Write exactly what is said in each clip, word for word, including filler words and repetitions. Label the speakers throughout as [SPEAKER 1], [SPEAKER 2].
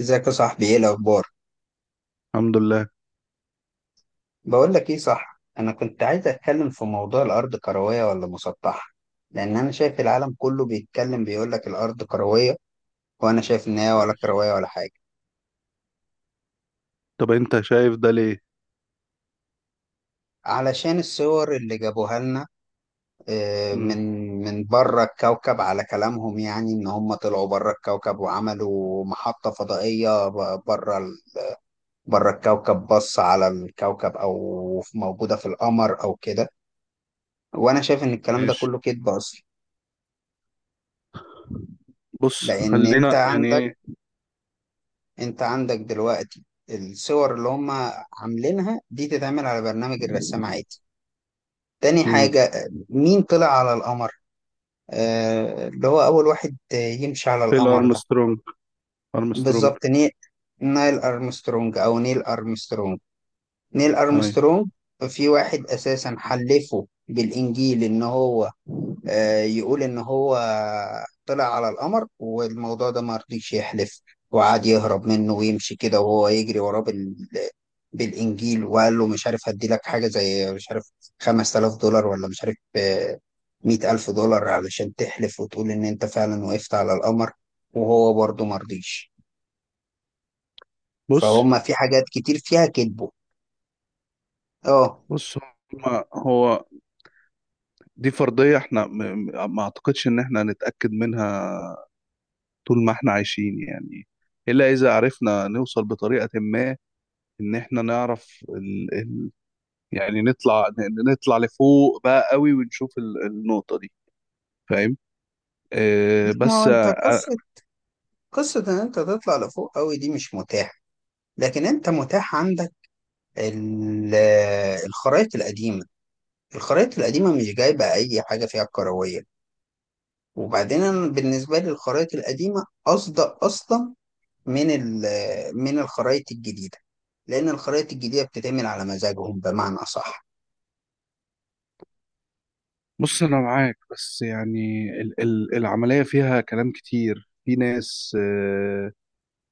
[SPEAKER 1] ازيك يا صاحبي، ايه الاخبار؟
[SPEAKER 2] الحمد لله.
[SPEAKER 1] بقول لك ايه، صح، انا كنت عايز اتكلم في موضوع الارض، كرويه ولا مسطحه؟ لان انا شايف العالم كله بيتكلم، بيقول لك الارض كرويه، وانا شايف ان هي ولا
[SPEAKER 2] ماشي.
[SPEAKER 1] كرويه ولا حاجه.
[SPEAKER 2] طب انت شايف ده ليه؟
[SPEAKER 1] علشان الصور اللي جابوها لنا، آه،
[SPEAKER 2] مم.
[SPEAKER 1] من من بره الكوكب، على كلامهم، يعني ان هم طلعوا بره الكوكب وعملوا محطه فضائيه ب- بره ال- بره الكوكب، بص على الكوكب، او موجوده في القمر او كده. وانا شايف ان الكلام ده
[SPEAKER 2] ماشي.
[SPEAKER 1] كله كذب اصلا.
[SPEAKER 2] بص،
[SPEAKER 1] لان انت
[SPEAKER 2] خلينا يعني
[SPEAKER 1] عندك
[SPEAKER 2] ايه.
[SPEAKER 1] انت عندك دلوقتي الصور اللي هم عاملينها دي تتعمل على برنامج الرسام عادي. تاني
[SPEAKER 2] مم.
[SPEAKER 1] حاجة، مين طلع على القمر؟ آه اللي هو اول واحد يمشي على
[SPEAKER 2] فيل
[SPEAKER 1] القمر ده.
[SPEAKER 2] ارمسترونج. ارمسترونج.
[SPEAKER 1] بالظبط ني... نايل ارمسترونج او نيل ارمسترونج، نيل
[SPEAKER 2] اي.
[SPEAKER 1] ارمسترونج. في واحد اساسا حلفه بالانجيل ان هو، آه، يقول إن هو طلع على القمر، والموضوع ده ما رضيش يحلف، وقعد يهرب منه ويمشي كده وهو يجري وراه بال... بالإنجيل، وقال له مش عارف هدي لك حاجة زي مش عارف خمس تلاف دولار، ولا مش عارف، آه، مئة ألف دولار علشان تحلف وتقول إن أنت فعلا وقفت على القمر، وهو برضه ما رضيش.
[SPEAKER 2] بص،
[SPEAKER 1] فهم في حاجات كتير فيها كذبه. اه.
[SPEAKER 2] بص، هما- هو دي فرضية احنا م- م- ما اعتقدش ان احنا هنتأكد منها طول ما احنا عايشين يعني، الا اذا عرفنا نوصل بطريقة ما ان احنا نعرف ال... ال... يعني نطلع ن- نطلع لفوق بقى قوي ونشوف ال... النقطة دي. فاهم؟
[SPEAKER 1] لا،
[SPEAKER 2] آه
[SPEAKER 1] ما هو
[SPEAKER 2] بس
[SPEAKER 1] انت
[SPEAKER 2] آه،
[SPEAKER 1] قصة، قصة ان انت تطلع لفوق قوي دي مش متاحة. لكن انت متاح عندك ال- الخرايط القديمة. الخرايط القديمة مش جايبة أي حاجة فيها كروية. وبعدين أنا بالنسبة لي الخرايط القديمة أصدق أصلا من ال- من الخرايط الجديدة، لأن الخرايط الجديدة بتتعمل على مزاجهم، بمعنى أصح.
[SPEAKER 2] بص انا معاك، بس يعني ال ال العمليه فيها كلام كتير. في ناس، آه،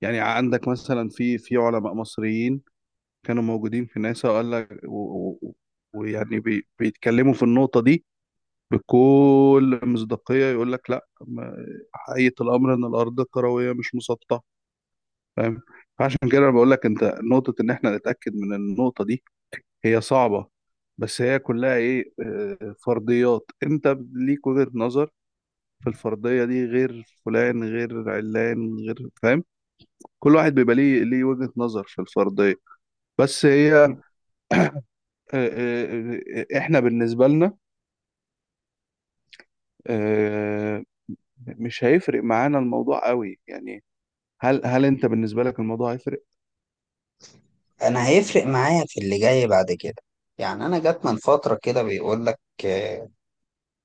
[SPEAKER 2] يعني عندك مثلا في في علماء مصريين كانوا موجودين في ناسا، وقال لك و- و- ويعني بي بيتكلموا في النقطه دي بكل مصداقيه، يقول لك لا، ما- حقيقه الامر ان الارض كرويه مش مسطحه. فاهم؟ فعشان كده انا بقول لك انت، نقطه ان احنا نتاكد من النقطه دي هي صعبه، بس هي كلها ايه، آه، فرضيات انت ليك وجهه نظر في الفردية دي، غير فلان غير علان غير. فاهم؟ كل واحد بيبقى ليه ليه وجهة نظر في الفردية. بس هي آه، آه، آه، احنا بالنسبة لنا آه، مش هيفرق معانا الموضوع قوي يعني. هل هل انت بالنسبة لك الموضوع هيفرق؟
[SPEAKER 1] أنا هيفرق معايا في اللي جاي بعد كده. يعني أنا جات من فترة كده بيقول لك، آه،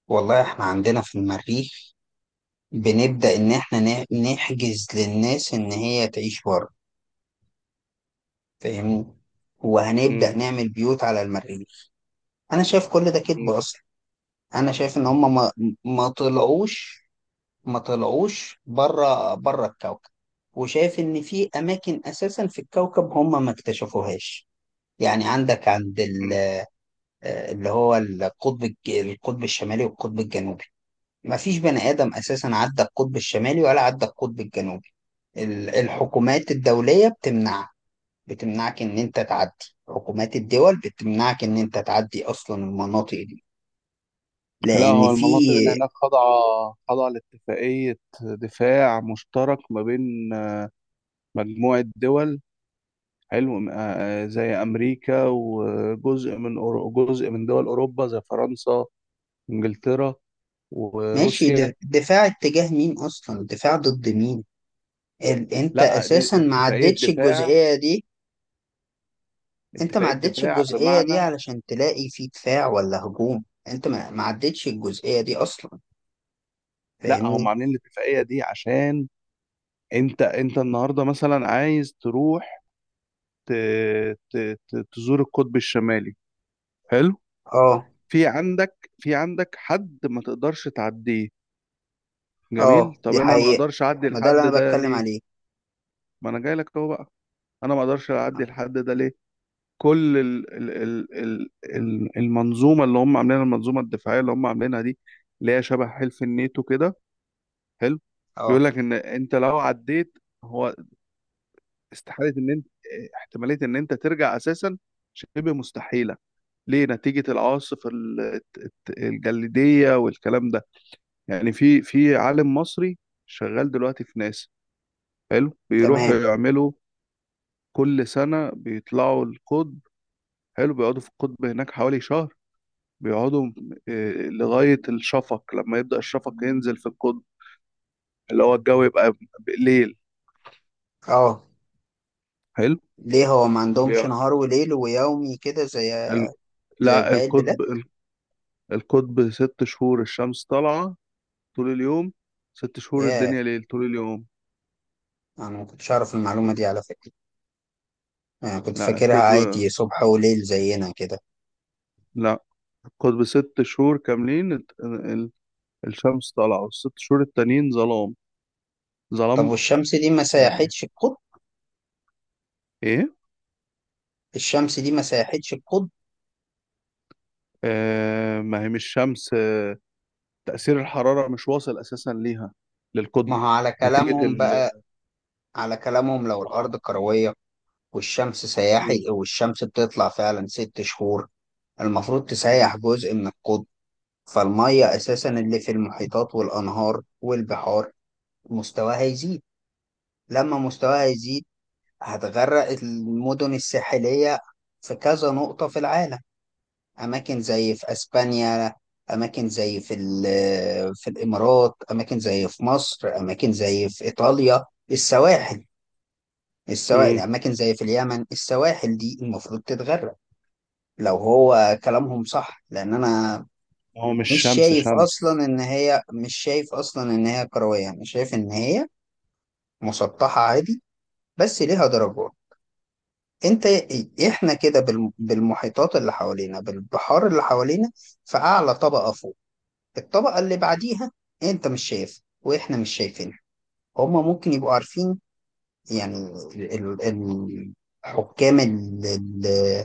[SPEAKER 1] والله إحنا عندنا في المريخ بنبدأ إن إحنا نح- نحجز للناس إن هي تعيش بره، فاهمني، وهنبدأ
[SPEAKER 2] مم.
[SPEAKER 1] نعمل بيوت على المريخ. انا شايف كل ده كذب
[SPEAKER 2] مم.
[SPEAKER 1] اصلا. انا شايف ان هم ما, ما طلعوش ما طلعوش بره بره الكوكب. وشايف ان في اماكن اساسا في الكوكب هم ما اكتشفوهاش. يعني عندك عند ال- اللي هو القطب الج- القطب الشمالي والقطب الجنوبي، ما فيش بني ادم اساسا عدى القطب الشمالي ولا عدى القطب الجنوبي. ال- الحكومات الدولية بتمنع، بتمنعك ان انت تعدي، حكومات الدول بتمنعك ان انت تعدي اصلا المناطق دي،
[SPEAKER 2] لا،
[SPEAKER 1] لان
[SPEAKER 2] هو
[SPEAKER 1] في.
[SPEAKER 2] المناطق اللي هناك خاضعة، خاضعة لاتفاقية دفاع مشترك ما بين مجموعة دول. حلو. آه، آه، زي أمريكا وجزء من أورو- جزء من دول أوروبا زي فرنسا، انجلترا،
[SPEAKER 1] ماشي،
[SPEAKER 2] وروسيا.
[SPEAKER 1] د- دفاع اتجاه مين اصلا، دفاع ضد مين؟ ال... انت
[SPEAKER 2] لا، دي
[SPEAKER 1] اساسا ما
[SPEAKER 2] اتفاقيه
[SPEAKER 1] عدتش
[SPEAKER 2] دفاع.
[SPEAKER 1] الجزئية دي. انت ما
[SPEAKER 2] اتفاقيه
[SPEAKER 1] عدتش
[SPEAKER 2] دفاع
[SPEAKER 1] الجزئية دي
[SPEAKER 2] بمعنى.
[SPEAKER 1] علشان تلاقي في دفاع ولا هجوم، انت ما ما عدتش الجزئية دي اصلا،
[SPEAKER 2] لا، هم
[SPEAKER 1] فاهمني؟
[SPEAKER 2] عاملين الاتفاقيه دي عشان انت انت النهارده مثلا عايز تروح ت... ت... ت... تزور القطب الشمالي. حلو.
[SPEAKER 1] اه.
[SPEAKER 2] في عندك، في عندك حد ما تقدرش تعديه. جميل.
[SPEAKER 1] اه،
[SPEAKER 2] طب
[SPEAKER 1] دي
[SPEAKER 2] انا ما
[SPEAKER 1] حقيقة،
[SPEAKER 2] اقدرش اعدي
[SPEAKER 1] ما ده
[SPEAKER 2] الحد
[SPEAKER 1] اللي انا
[SPEAKER 2] ده
[SPEAKER 1] بتكلم
[SPEAKER 2] ليه؟
[SPEAKER 1] عليه.
[SPEAKER 2] ما انا جاي لك اهو بقى. انا ما اقدرش اعدي
[SPEAKER 1] اه.
[SPEAKER 2] الحد ده ليه؟ كل ال ال ال ال ال- المنظومه اللي هم عاملينها، المنظومه الدفاعيه اللي هم عاملينها دي، اللي هي شبه حلف الناتو كده. حلو. بيقول
[SPEAKER 1] آه،
[SPEAKER 2] لك ان انت لو عديت، هو استحاله ان انت، احتماليه ان انت ترجع اساسا شبه مستحيله. ليه؟ نتيجه العواصف ال- الت- الت- الجليديه والكلام ده. يعني في في عالم مصري شغال دلوقتي في ناسا، حلو، بيروحوا
[SPEAKER 1] تمام.
[SPEAKER 2] يعملوا كل سنه بيطلعوا القطب. حلو. بيقعدوا في القطب هناك حوالي شهر. بيقعدوا آه، لغاية الشفق، لما يبدأ الشفق ينزل في القطب، اللي هو الجو يبقى ليل.
[SPEAKER 1] اه.
[SPEAKER 2] حلو.
[SPEAKER 1] ليه هو ما عندهمش
[SPEAKER 2] بي-
[SPEAKER 1] نهار وليل ويومي كده زي،
[SPEAKER 2] ال-
[SPEAKER 1] زي في
[SPEAKER 2] لا
[SPEAKER 1] باقي البلاد؟
[SPEAKER 2] القطب. القطب ست شهور الشمس طالعة طول اليوم، ست شهور
[SPEAKER 1] ياه،
[SPEAKER 2] الدنيا ليل طول اليوم.
[SPEAKER 1] انا ما كنتش اعرف المعلومه دي على فكره، انا كنت
[SPEAKER 2] لا،
[SPEAKER 1] فاكرها
[SPEAKER 2] القطب.
[SPEAKER 1] عادي صبح وليل زينا كده.
[SPEAKER 2] لا، القطب ست شهور كاملين، الت- ال- الشمس طالعة، والست شهور التانيين ظلام،
[SPEAKER 1] طب
[SPEAKER 2] ظلام.
[SPEAKER 1] والشمس دي ما
[SPEAKER 2] يعني،
[SPEAKER 1] سيحتش القطب؟
[SPEAKER 2] ايه.
[SPEAKER 1] الشمس دي ما سيحتش القطب؟
[SPEAKER 2] آه، ما هي مش شمس. تأثير الحرارة مش واصل أساسا ليها،
[SPEAKER 1] ما
[SPEAKER 2] للقطب.
[SPEAKER 1] هو على
[SPEAKER 2] نتيجة.
[SPEAKER 1] كلامهم بقى، على كلامهم لو الارض
[SPEAKER 2] اه.
[SPEAKER 1] كرويه، والشمس
[SPEAKER 2] مم.
[SPEAKER 1] سياحي، والشمس بتطلع فعلا ست شهور، المفروض
[SPEAKER 2] مم.
[SPEAKER 1] تسيح جزء من القطب، فالميه اساسا اللي في المحيطات والانهار والبحار مستواها يزيد. لما مستواها يزيد هتغرق المدن الساحلية في كذا نقطة في العالم. أماكن زي في أسبانيا، أماكن زي في ال- في الإمارات، أماكن زي في مصر، أماكن زي في إيطاليا، السواحل، السواحل،
[SPEAKER 2] مم.
[SPEAKER 1] أماكن زي في اليمن، السواحل دي المفروض تتغرق لو هو كلامهم صح. لأن أنا
[SPEAKER 2] هو مش
[SPEAKER 1] مش
[SPEAKER 2] شمس
[SPEAKER 1] شايف
[SPEAKER 2] شمس.
[SPEAKER 1] أصلا إن هي، مش شايف أصلا إن هي كروية. أنا شايف إن هي مسطحة عادي، بس ليها درجات. انت، احنا كده بالم- بالمحيطات اللي حوالينا، بالبحار اللي حوالينا، في اعلى طبقة فوق، الطبقة اللي بعديها انت مش شايف، واحنا مش شايفينها، هما ممكن يبقوا عارفين. يعني ال- ال- ال- حكام ال- ال-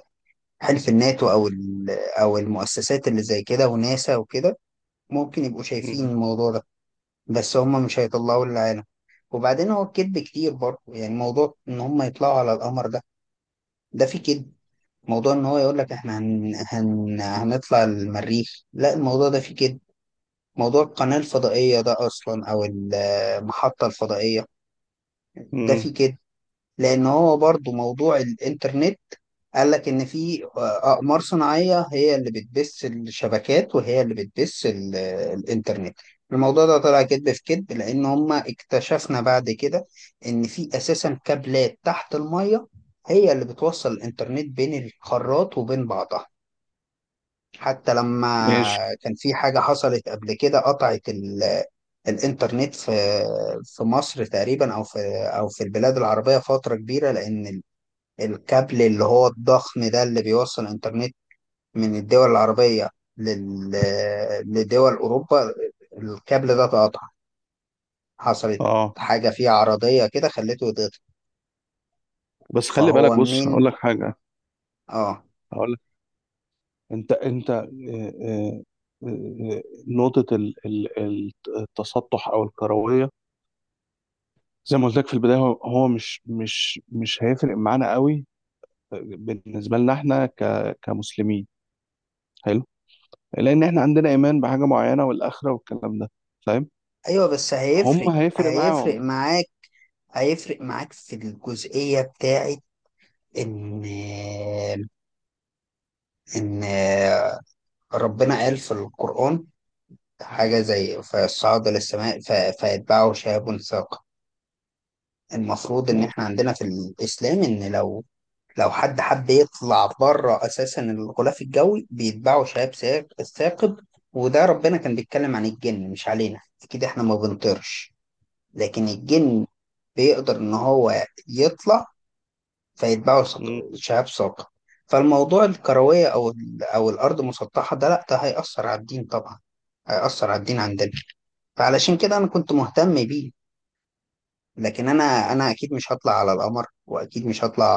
[SPEAKER 1] حلف الناتو، او ال- او المؤسسات اللي زي كده وناسا وكده، ممكن يبقوا شايفين
[SPEAKER 2] مم.
[SPEAKER 1] الموضوع ده، بس هما مش هيطلعوا للعالم. وبعدين هو الكذب كتير برضه، يعني موضوع ان هما يطلعوا على القمر ده، ده فيه كذب. موضوع ان هو يقول لك احنا هن... هن... هنطلع المريخ، لا، الموضوع ده فيه كده. موضوع القناة الفضائية ده اصلا او المحطة الفضائية ده
[SPEAKER 2] مم.
[SPEAKER 1] فيه كده. لان هو برضو موضوع الانترنت قال لك ان في اقمار صناعية هي اللي بتبث الشبكات وهي اللي بتبث ال... الانترنت. الموضوع ده طلع كذب في كذب، لان هما اكتشفنا بعد كده ان في اساسا كابلات تحت المية هي اللي بتوصل الانترنت بين القارات وبين بعضها. حتى
[SPEAKER 2] ماشي.
[SPEAKER 1] لما كان في حاجة حصلت قبل كده قطعت ال- الإنترنت في في مصر تقريبا، أو في، أو في البلاد العربية فترة كبيرة، لأن ال- الكابل اللي هو الضخم ده اللي بيوصل الإنترنت من الدول العربية، لل لدول أوروبا، الكابل ده اتقطع، حصلت
[SPEAKER 2] اه،
[SPEAKER 1] حاجة فيه عرضية كده خلته يتقطع.
[SPEAKER 2] بس خلي بالك،
[SPEAKER 1] فهو
[SPEAKER 2] بص هقول
[SPEAKER 1] منين؟
[SPEAKER 2] لك حاجه.
[SPEAKER 1] آه.
[SPEAKER 2] هقول لك. انت انت آه، آه، آه، آه، نقطه ال- ال- ال- التسطح او الكرويه، زي ما قلت لك في البدايه، هو هو مش مش مش هيفرق معانا قوي. آه، بالنسبه لنا، احنا ك كمسلمين حلو، لان احنا عندنا ايمان بحاجه معينه والاخره والكلام ده. فاهم؟
[SPEAKER 1] أيوه بس هيفرق،
[SPEAKER 2] هم هيفرق
[SPEAKER 1] هيفرق
[SPEAKER 2] معاهم.
[SPEAKER 1] معاك، هيفرق معاك في الجزئية بتاعة إن إن ربنا قال في القرآن حاجة زي فصعد للسماء ف- فيتبعه شهاب ثاقب. المفروض إن إحنا
[SPEAKER 2] ماشي.
[SPEAKER 1] عندنا في الإسلام إن لو لو حد حب يطلع بره أساسا الغلاف الجوي بيتبعه شهاب ساق- ثاقب. وده ربنا كان بيتكلم عن الجن مش علينا، أكيد إحنا ما بنطيرش، لكن الجن بيقدر إن هو يطلع فيتباعوا ثق- شهاب ثاقب. فالموضوع الكروية أو ال- أو الأرض مسطحة ده، لأ ده هيأثر على الدين طبعا، هيأثر على الدين عندنا. فعلشان كده أنا كنت مهتم بيه. لكن أنا أنا أكيد مش هطلع على القمر، وأكيد مش هطلع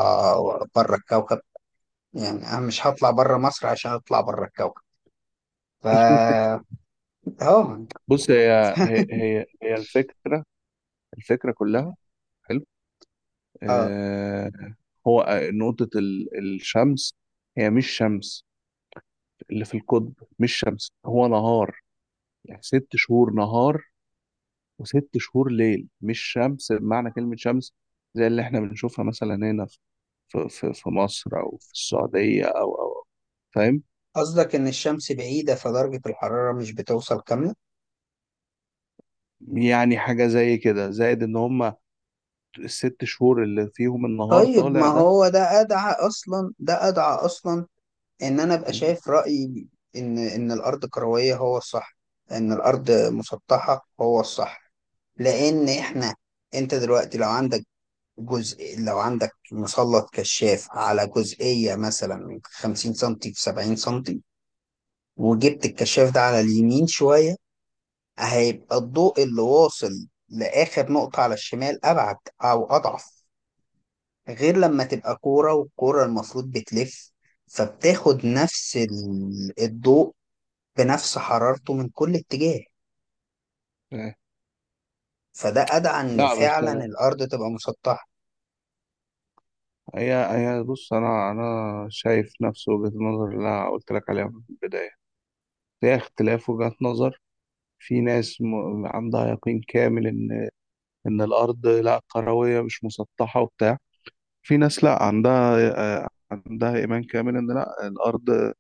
[SPEAKER 1] بره الكوكب. يعني أنا مش هطلع بره مصر عشان أطلع بره الكوكب، فا. أه.
[SPEAKER 2] بص، هي هي هي هي الفكرة الفكرة كلها. حلو.
[SPEAKER 1] أه،
[SPEAKER 2] آه. هو آه، نقطة ال- الشمس هي مش شمس، اللي في القطب. مش شمس، هو نهار، يعني ست شهور نهار وست شهور ليل. مش شمس بمعنى كلمة شمس، زي اللي احنا بنشوفها مثلا هنا في في في في مصر أو في السعودية أو أو فاهم؟
[SPEAKER 1] قصدك إن الشمس بعيدة فدرجة الحرارة مش بتوصل كاملة؟
[SPEAKER 2] يعني حاجة زي كده، زائد إن هما الست شهور اللي فيهم النهار
[SPEAKER 1] طيب ما
[SPEAKER 2] طالع ده،
[SPEAKER 1] هو ده أدعى أصلا، ده أدعى أصلا ان انا ابقى شايف رأيي ان ان الارض كروية هو الصح، ان الارض مسطحة هو الصح. لان احنا، انت دلوقتي لو عندك جزء، لو عندك مسلط كشاف على جزئية مثلا من خمسين سنتي في سبعين سنتي، وجبت الكشاف ده على اليمين شوية، هيبقى الضوء اللي واصل لآخر نقطة على الشمال أبعد، أو أضعف. غير لما تبقى كورة، والكورة المفروض بتلف، فبتاخد نفس ال- الضوء بنفس حرارته من كل اتجاه.
[SPEAKER 2] آه،
[SPEAKER 1] فده أدعى إن
[SPEAKER 2] لا بس
[SPEAKER 1] فعلا الأرض تبقى مسطحة.
[SPEAKER 2] هي هي بص انا انا شايف نفس وجهة النظر اللي انا قلت لك عليها من البداية، هي اختلاف وجهات نظر. في ناس م- عندها يقين كامل ان ان الارض لا كروية مش مسطحة وبتاع، في ناس لا عندها آه، عندها ايمان كامل ان لا الارض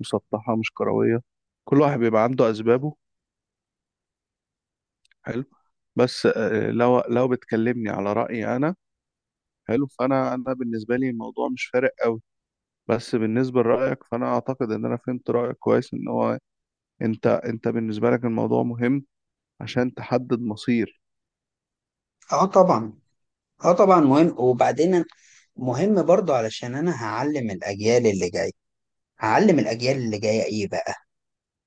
[SPEAKER 2] مسطحة مش كروية. كل واحد بيبقى عنده اسبابه. حلو. بس آه، لو لو بتكلمني على رأيي انا، حلو، فانا، انا بالنسبة لي الموضوع مش فارق قوي. بس بالنسبة لرأيك، فأنا أعتقد إن أنا فهمت رأيك كويس، إن هو أنت أنت بالنسبة لك الموضوع مهم عشان تحدد مصير.
[SPEAKER 1] اه طبعا، اه طبعا مهم. وبعدين أنا- مهم برضو علشان أنا هعلم الأجيال اللي جاية، هعلم الأجيال اللي جاية إيه بقى؟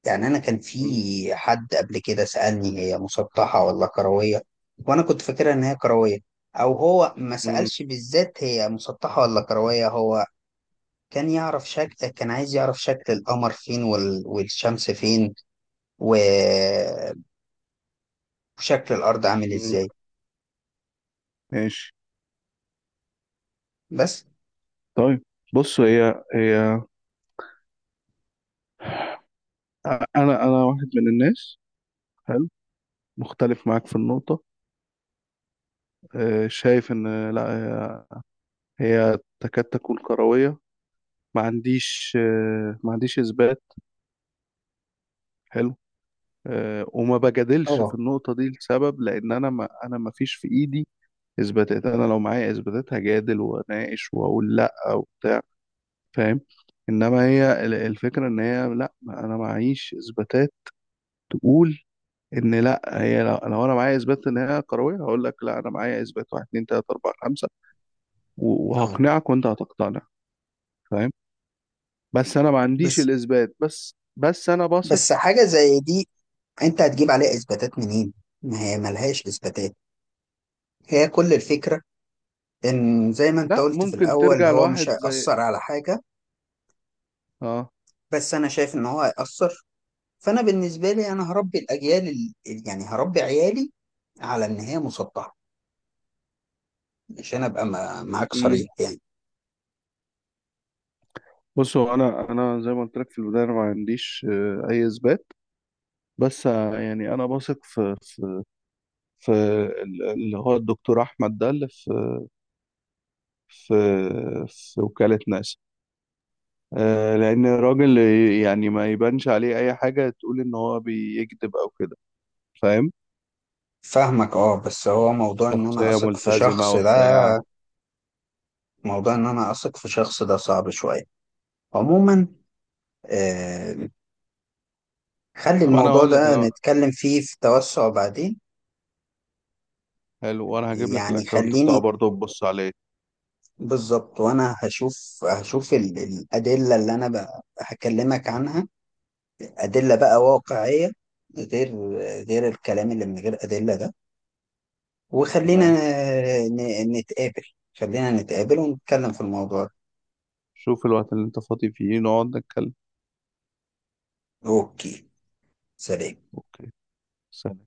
[SPEAKER 1] يعني أنا كان
[SPEAKER 2] م-
[SPEAKER 1] في حد قبل كده سألني هي مسطحة ولا كروية، وأنا كنت فاكرها إن هي كروية. أو هو ما
[SPEAKER 2] م-
[SPEAKER 1] سألش بالذات هي مسطحة ولا كروية، هو كان يعرف شكل، كان عايز يعرف شكل القمر فين وال... والشمس فين و... وشكل الارض عامل
[SPEAKER 2] م-
[SPEAKER 1] ازاي.
[SPEAKER 2] ماشي
[SPEAKER 1] بس.
[SPEAKER 2] طيب بص. هي هي أنا أنا واحد من الناس، حلو، مختلف معاك في النقطة. آه، شايف إن لا هي هي تكاد تكون كروية. ما عنديش آه، ما عنديش إثبات. حلو. آه، وما بجادلش في
[SPEAKER 1] اه.
[SPEAKER 2] النقطة دي لسبب، لأن أنا ما، أنا ما فيش في إيدي اثباتات. انا لو معايا اثباتات هجادل واناقش واقول لا وبتاع. فاهم؟ انما هي ال- الفكره ان هي لا، ما انا معيش اثباتات تقول ان لا هي. لو، لو انا معايا اثبات ان هي كرويه، هقول لك لا انا معايا اثبات، واحد اتنين تلاته اربعه خمسه، و-
[SPEAKER 1] اه،
[SPEAKER 2] وهقنعك وانت هتقتنع. فاهم؟ بس انا ما عنديش
[SPEAKER 1] بس
[SPEAKER 2] الاثبات. بس بس انا بثق.
[SPEAKER 1] بس حاجه زي دي، انت هتجيب عليها اثباتات منين؟ ما هي ملهاش اثباتات. هي كل الفكره ان زي ما انت
[SPEAKER 2] لا،
[SPEAKER 1] قلت في
[SPEAKER 2] ممكن
[SPEAKER 1] الاول
[SPEAKER 2] ترجع
[SPEAKER 1] هو مش
[SPEAKER 2] لواحد زي.
[SPEAKER 1] هيأثر على حاجه.
[SPEAKER 2] اه.
[SPEAKER 1] بس انا شايف ان هو هيأثر. فانا بالنسبه لي انا هربي الاجيال ال- يعني هربي عيالي على ان هي مسطحه، عشان ابقى ما- معاك
[SPEAKER 2] امم
[SPEAKER 1] صريح يعني.
[SPEAKER 2] بصوا انا انا زي ما قلت لك في البدايه، انا ما عنديش آه، اي اثبات، بس آه، يعني انا بثق في، في ال- اللي هو الدكتور احمد ده اللي في في في وكالة ناسا. آه، لان الراجل يعني ما يبانش عليه اي حاجة تقول ان هو بيكذب او كده. فاهم؟
[SPEAKER 1] فاهمك اه. بس هو موضوع ان انا
[SPEAKER 2] شخصية
[SPEAKER 1] اثق في
[SPEAKER 2] ملتزمة
[SPEAKER 1] شخص ده،
[SPEAKER 2] وبتاع.
[SPEAKER 1] موضوع ان انا اثق في شخص ده صعب شويه. عموما، آه، خلي
[SPEAKER 2] طب انا
[SPEAKER 1] الموضوع
[SPEAKER 2] اقول لك
[SPEAKER 1] ده
[SPEAKER 2] انا،
[SPEAKER 1] نتكلم فيه في توسع بعدين.
[SPEAKER 2] حلو، وانا هجيب لك
[SPEAKER 1] يعني
[SPEAKER 2] الاكونت بتاعه
[SPEAKER 1] خليني.
[SPEAKER 2] برضه تبص عليه.
[SPEAKER 1] بالظبط، وانا هشوف، هشوف ال- الأدلة اللي انا ب- هكلمك عنها، أدلة بقى واقعية، غير غير الكلام اللي من غير أدلة ده. وخلينا
[SPEAKER 2] تمام.
[SPEAKER 1] ن- نتقابل، خلينا نتقابل ونتكلم في الموضوع ده.
[SPEAKER 2] شوف الوقت اللي انت فاضي فيه نقعد نتكلم.
[SPEAKER 1] اوكي، سلام.
[SPEAKER 2] اوكي. سلام.